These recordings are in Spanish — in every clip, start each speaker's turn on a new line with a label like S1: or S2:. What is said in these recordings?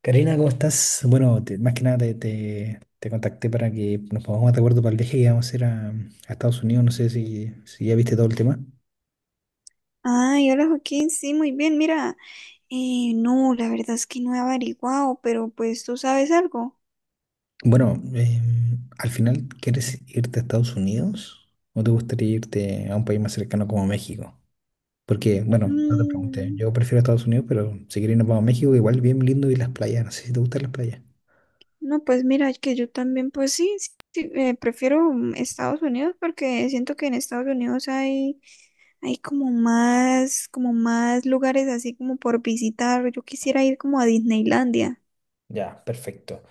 S1: Karina, ¿cómo estás? Bueno, más que nada te contacté para que nos pongamos de acuerdo para el viaje que vamos a hacer a Estados Unidos. No sé si, si ya viste todo el tema.
S2: Ay, hola Joaquín, sí, muy bien, mira, no, la verdad es que no he averiguado, pero pues tú sabes algo.
S1: Bueno, al final, ¿quieres irte a Estados Unidos o te gustaría irte a un país más cercano como México? Porque, bueno, no te pregunté,
S2: Mm,
S1: yo prefiero Estados Unidos, pero si quieres nos vamos a México, igual bien lindo y las playas. No sé si te gustan las playas.
S2: no, pues mira, que yo también, pues sí, sí, sí, prefiero Estados Unidos porque siento que en Estados Unidos hay como más lugares así como por visitar. Yo quisiera ir como a Disneylandia.
S1: Ya, perfecto.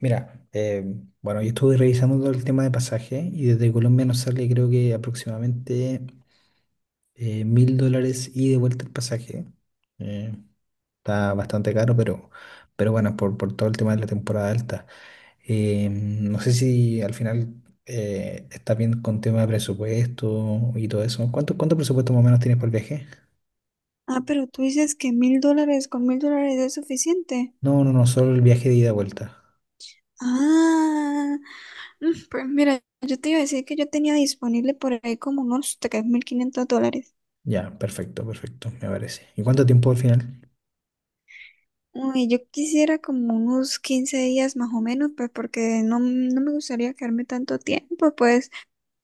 S1: Mira, bueno, yo estuve revisando todo el tema de pasaje y desde Colombia nos sale creo que aproximadamente $1000 y de vuelta el pasaje. Eh, está bastante caro, pero bueno, por todo el tema de la temporada alta. No sé si al final estás bien con tema de presupuesto y todo eso. ¿Cuánto, cuánto presupuesto más o menos tienes por el viaje?
S2: Ah, pero tú dices que $1000, con $1000 es suficiente.
S1: No, no, no, solo el viaje de ida y vuelta.
S2: Ah, pues mira, yo te iba a decir que yo tenía disponible por ahí como unos $3500.
S1: Ya, perfecto, perfecto, me parece. ¿Y cuánto tiempo al final?
S2: Uy, yo quisiera como unos 15 días más o menos, pues porque no me gustaría quedarme tanto tiempo, pues,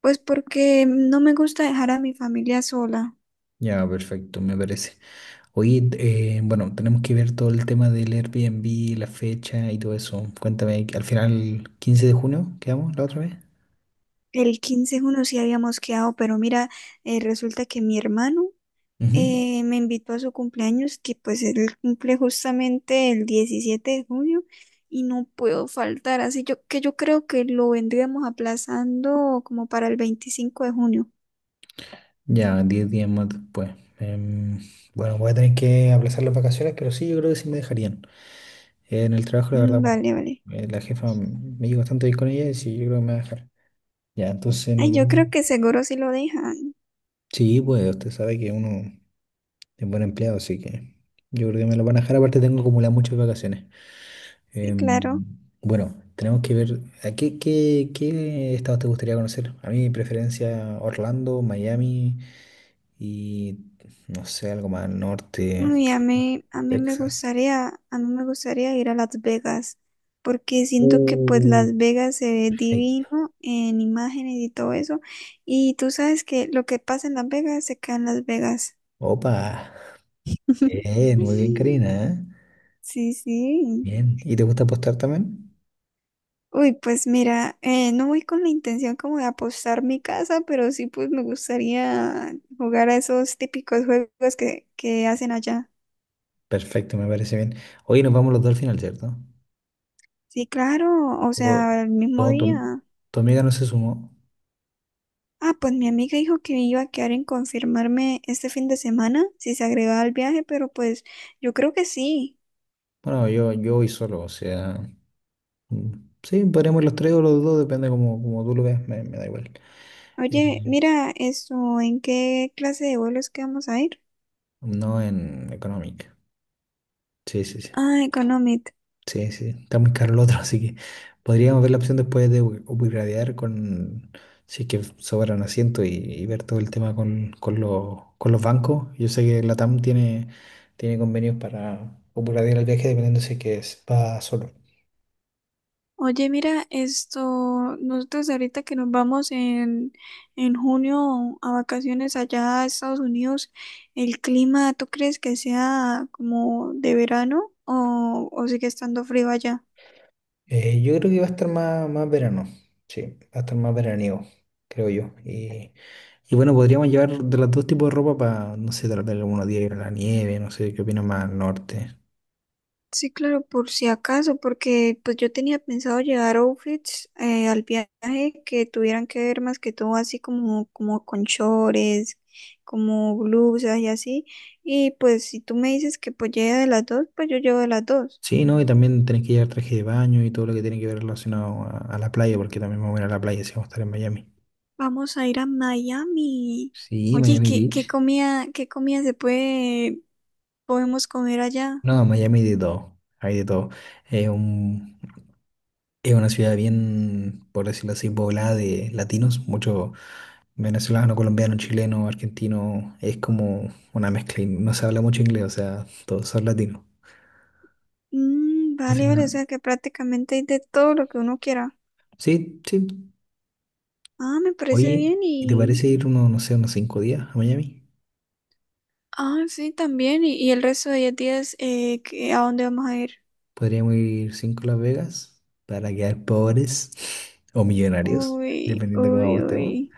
S2: pues porque no me gusta dejar a mi familia sola.
S1: Ya, perfecto, me parece. Oye, bueno, tenemos que ver todo el tema del Airbnb, la fecha y todo eso. Cuéntame, al final, 15 de junio, ¿quedamos la otra vez?
S2: El quince es uno sí habíamos quedado, pero mira, resulta que mi hermano
S1: Ujú.
S2: me invitó a su cumpleaños, que pues él cumple justamente el 17 de junio y no puedo faltar, así yo, que yo creo que lo vendríamos aplazando como para el 25 de junio.
S1: Ya, 10 días más después. Em, bueno, voy a tener que aplazar las vacaciones, pero sí, yo creo que sí me dejarían en el trabajo, la verdad,
S2: Mm,
S1: bueno,
S2: vale, vale.
S1: la me llevo bastante bien con ella y sí, yo creo que me va a dejar. Ya, entonces
S2: Ay,
S1: nos
S2: yo
S1: vamos.
S2: creo que seguro sí lo dejan.
S1: Sí, pues usted sabe que uno es buen empleado, así que yo creo que me lo van a dejar. Aparte, tengo acumuladas muchas vacaciones.
S2: Sí, claro.
S1: Em, bueno, tenemos que ver a qué estados te gustaría conocer. A mí mi preferencia Orlando, Miami y no sé, algo más al norte,
S2: Uy,
S1: Texas.
S2: a mí me gustaría ir a Las Vegas, porque siento que pues
S1: Uh.
S2: Las Vegas se ve
S1: Ay,
S2: divino en imágenes y todo eso. Y tú sabes que lo que pasa en Las Vegas se queda en Las Vegas.
S1: opa, bien, muy bien, Karina, ¿eh?
S2: Sí, sí.
S1: Bien. ¿Y te gusta apostar también?
S2: Uy, pues mira, no voy con la intención como de apostar mi casa, pero sí pues me gustaría jugar a esos típicos juegos que hacen allá.
S1: Perfecto, me parece bien. Hoy nos vamos los dos al final, ¿cierto?
S2: Sí, claro, o
S1: O-
S2: sea, el mismo
S1: o tu,
S2: día.
S1: tu amiga no se sumó.
S2: Ah, pues mi amiga dijo que iba a quedar en confirmarme este fin de semana si se agregaba al viaje, pero pues yo creo que sí.
S1: Bueno, yo voy solo, o sea, mm, sí, podríamos ir los tres o los dos, depende como, como tú lo veas, me da igual.
S2: Oye,
S1: Eh,
S2: mira, esto, ¿en qué clase de vuelos que vamos a ir?
S1: no, en Economic. Sí, sí, sí.
S2: Ah, económico.
S1: Sí, sí. Está muy caro el otro, así que podríamos ver la opción después de upgradear con si es que sobran asientos y ver todo el tema con los bancos. Yo sé que la TAM tiene, tiene convenios para upgradear el viaje dependiendo si es que va solo.
S2: Oye, mira, esto, nosotros ahorita que nos vamos en junio a vacaciones allá a Estados Unidos, ¿el clima tú crees que sea como de verano o sigue estando frío allá?
S1: Yo creo que va a estar más, más verano, sí, va a estar más veraniego, creo yo. Y bueno, podríamos llevar de los dos tipos de ropa para, no sé, tal vez algunos días ir a la nieve, no sé, qué opinas más al norte.
S2: Sí, claro, por si acaso, porque pues yo tenía pensado llevar outfits al viaje que tuvieran que ver más que todo así como, como con chores, como blusas y así. Y pues si tú me dices que pues lleve de las dos, pues yo llevo de las dos.
S1: Sí, ¿no? Y también tenés que llevar traje de baño y todo lo que tiene que ver relacionado a la playa, porque también vamos a ir a la playa si vamos a estar en Miami.
S2: Vamos a ir a Miami.
S1: Sí,
S2: Oye,
S1: Miami
S2: ¿qué, qué
S1: Beach.
S2: comida, qué comida podemos comer allá?
S1: No, Miami, de todo, hay de todo. Es un, es una ciudad bien, por decirlo así, poblada de latinos, mucho venezolano, colombiano, chileno, argentino, es como una mezcla. Y no se habla mucho inglés, o sea, todos son latinos.
S2: Mm,
S1: Así
S2: vale,
S1: que
S2: vale, o
S1: nada.
S2: sea que prácticamente hay de todo lo que uno quiera.
S1: Sí, sí.
S2: Ah, me parece
S1: Oye,
S2: bien
S1: ¿y te
S2: y...
S1: parece ir unos, no sé, unos 5 días a Miami?
S2: Ah, sí, también. Y el resto de 10 días, ¿qué- ¿a dónde vamos a ir?
S1: Podríamos ir cinco a Las Vegas para quedar pobres o millonarios,
S2: Uy,
S1: dependiendo de cómo
S2: uy,
S1: apostemos.
S2: uy.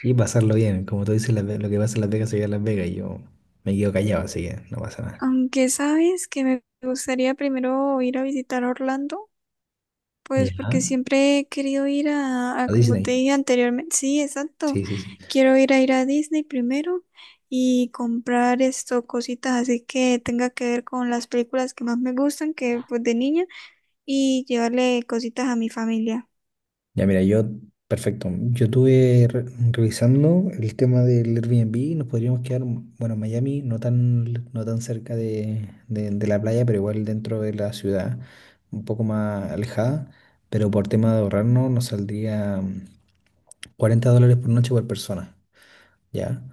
S1: Y pasarlo bien. Como tú dices, lo que pasa en Las Vegas se queda en Las Vegas, y yo me quedo callado, así que no pasa nada.
S2: Aunque sabes que me gustaría primero ir a visitar Orlando. Pues
S1: Ya.
S2: porque siempre he querido ir a,
S1: A
S2: como te
S1: Disney.
S2: dije anteriormente, sí, exacto.
S1: Sí, sí, sí.
S2: Quiero ir a Disney primero y comprar esto, cositas así que tenga que ver con las películas que más me gustan, que pues de niña, y llevarle cositas a mi familia.
S1: Ya, mira, yo, perfecto. Yo estuve revisando el tema del Airbnb y nos podríamos quedar, mm, bueno, en Miami, no tan, no tan cerca de, de la playa, pero igual dentro de la ciudad, un poco más alejada. Pero por tema de ahorrarnos, nos saldría $40 por noche por persona, ¿ya?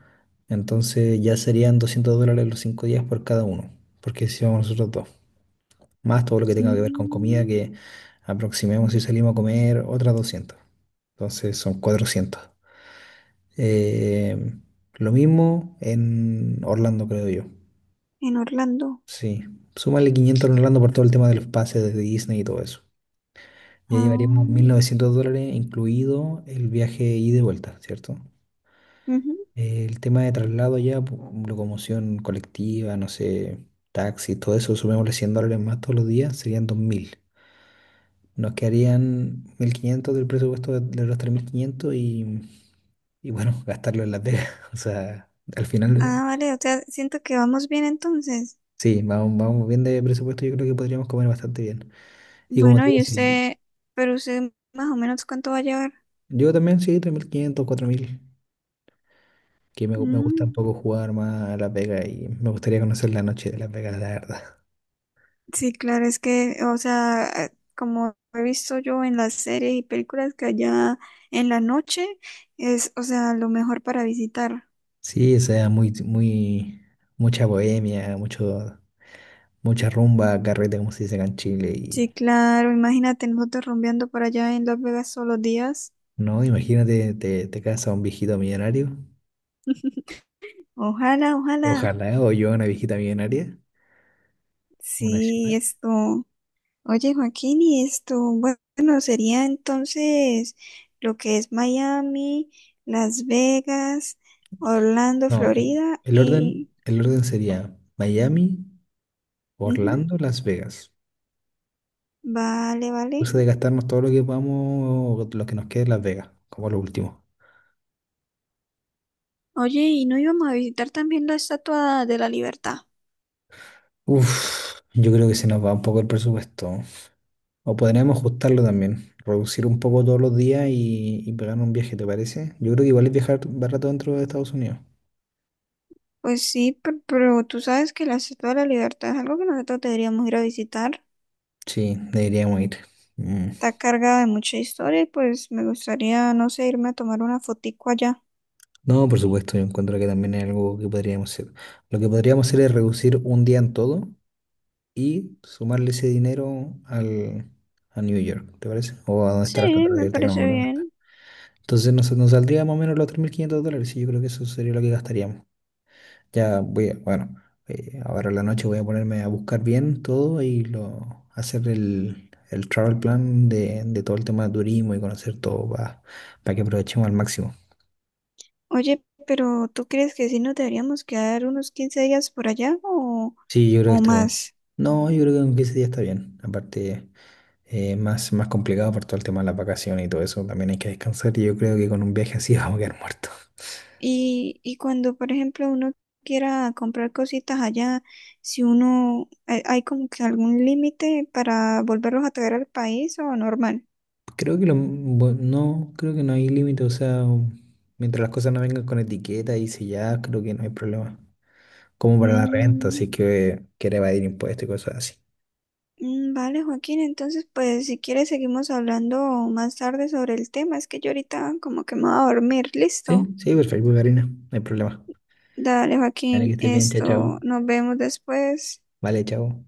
S1: Entonces ya serían $200 los 5 días por cada uno, porque si vamos nosotros dos más todo lo que tenga que ver con comida,
S2: Mm,
S1: que aproximemos si salimos a comer otras 200. Entonces son 400. Eh, lo mismo en Orlando, creo yo.
S2: en Orlando.
S1: Sí, súmale 500 en Orlando por todo el tema de los pases de Disney y todo eso. Ya llevaríamos mil
S2: Ah,
S1: novecientos dólares, incluido el viaje ida y vuelta, ¿cierto?
S2: ujú.
S1: El tema de traslado ya, locomoción colectiva, no sé, taxi, todo eso, sumémosle $100 más todos los días, serían 2000. Nos quedarían 1500 del presupuesto de los 3500 y bueno, gastarlo en Las Vegas. O sea, al final,
S2: Ah, vale, o sea, siento que vamos bien entonces.
S1: sí, vamos, vamos bien de presupuesto, yo creo que podríamos comer bastante bien. Y como
S2: Bueno,
S1: te digo,
S2: y
S1: sí,
S2: usted, pero usted más o menos cuánto va a llevar.
S1: yo también sí, 3500, 4000, que me gusta un
S2: Mm.
S1: poco jugar más a Las Vegas y me gustaría conocer la noche de Las Vegas, la verdad.
S2: Sí, claro, es que, o sea, como he visto yo en las series y películas que allá en la noche es, o sea, lo mejor para visitar.
S1: Sí, o sea, muy, muy, mucha bohemia, mucho, mucha rumba, carrete, como se dice acá en Chile.
S2: Sí,
S1: Y
S2: claro, imagínate nosotros rumbeando por allá en Las Vegas todos los días.
S1: no, imagínate, te casa un viejito millonario.
S2: Ojalá, ojalá.
S1: Ojalá, o yo una viejita millonaria, una
S2: Sí,
S1: ciudad.
S2: esto. Oye, Joaquín, y esto, bueno, sería entonces lo que es Miami, Las Vegas, Orlando,
S1: No,
S2: Florida y...
S1: el orden sería Miami,
S2: Ujú,
S1: Orlando, Las Vegas.
S2: vale, vale.
S1: Pues de gastarnos todo lo que podamos, o lo que nos quede en Las Vegas, como lo último.
S2: Oye, ¿y no íbamos a visitar también la Estatua de la Libertad?
S1: Uf, yo creo que se nos va un poco el presupuesto. O podríamos ajustarlo también, reducir un poco todos los días y pegar un viaje, ¿te parece? Yo creo que igual es viajar barato dentro de Estados Unidos.
S2: Pues sí, pe- pero, tú sabes que la Estatua de la Libertad es algo que nosotros deberíamos ir a visitar.
S1: Sí, deberíamos ir. Mm.
S2: Está cargada de mucha historia y pues me gustaría, no sé, irme a tomar una fotico allá.
S1: No, por supuesto, yo encuentro que también es algo que podríamos hacer. Lo que podríamos hacer es reducir un día en todo y sumarle ese dinero al, a New York, ¿te parece? O a donde está la
S2: Sí,
S1: estatua,
S2: me
S1: de que no me
S2: parece
S1: acuerdo dónde está.
S2: bien.
S1: Entonces nos, nos saldría más o menos los $3500 y yo creo que eso sería lo que gastaríamos. Ya voy a, bueno, ahora en la noche voy a ponerme a buscar bien todo y lo, hacer el travel plan de todo el tema de turismo y conocer todo para que aprovechemos al máximo.
S2: Oye, pero ¿tú crees que sí nos deberíamos quedar unos 15 días por allá
S1: Sí, yo creo que
S2: o
S1: está bien.
S2: más?
S1: No, yo creo que en 15 días está bien. Aparte, más, más complicado por todo el tema de las vacaciones y todo eso. También hay que descansar y yo creo que con un viaje así vamos a quedar muertos.
S2: Y cuando, por ejemplo, uno quiera comprar cositas allá, si uno, hay como que algún límite para volverlos a traer al país o normal.
S1: Creo que lo, no, creo que no hay límite. O sea, mientras las cosas no vengan con etiqueta y selladas, creo que no hay problema. Como para la renta,
S2: Mm,
S1: así que quiere evadir impuestos y cosas así.
S2: vale, Joaquín, entonces, pues si quieres seguimos hablando más tarde sobre el tema. Es que yo ahorita como que me voy a dormir,
S1: Sí,
S2: listo.
S1: sí, perfecto, Karina. No hay problema.
S2: Dale,
S1: Dale, que
S2: Joaquín,
S1: estés bien, chao,
S2: esto,
S1: chao.
S2: nos vemos después.
S1: Vale, chao.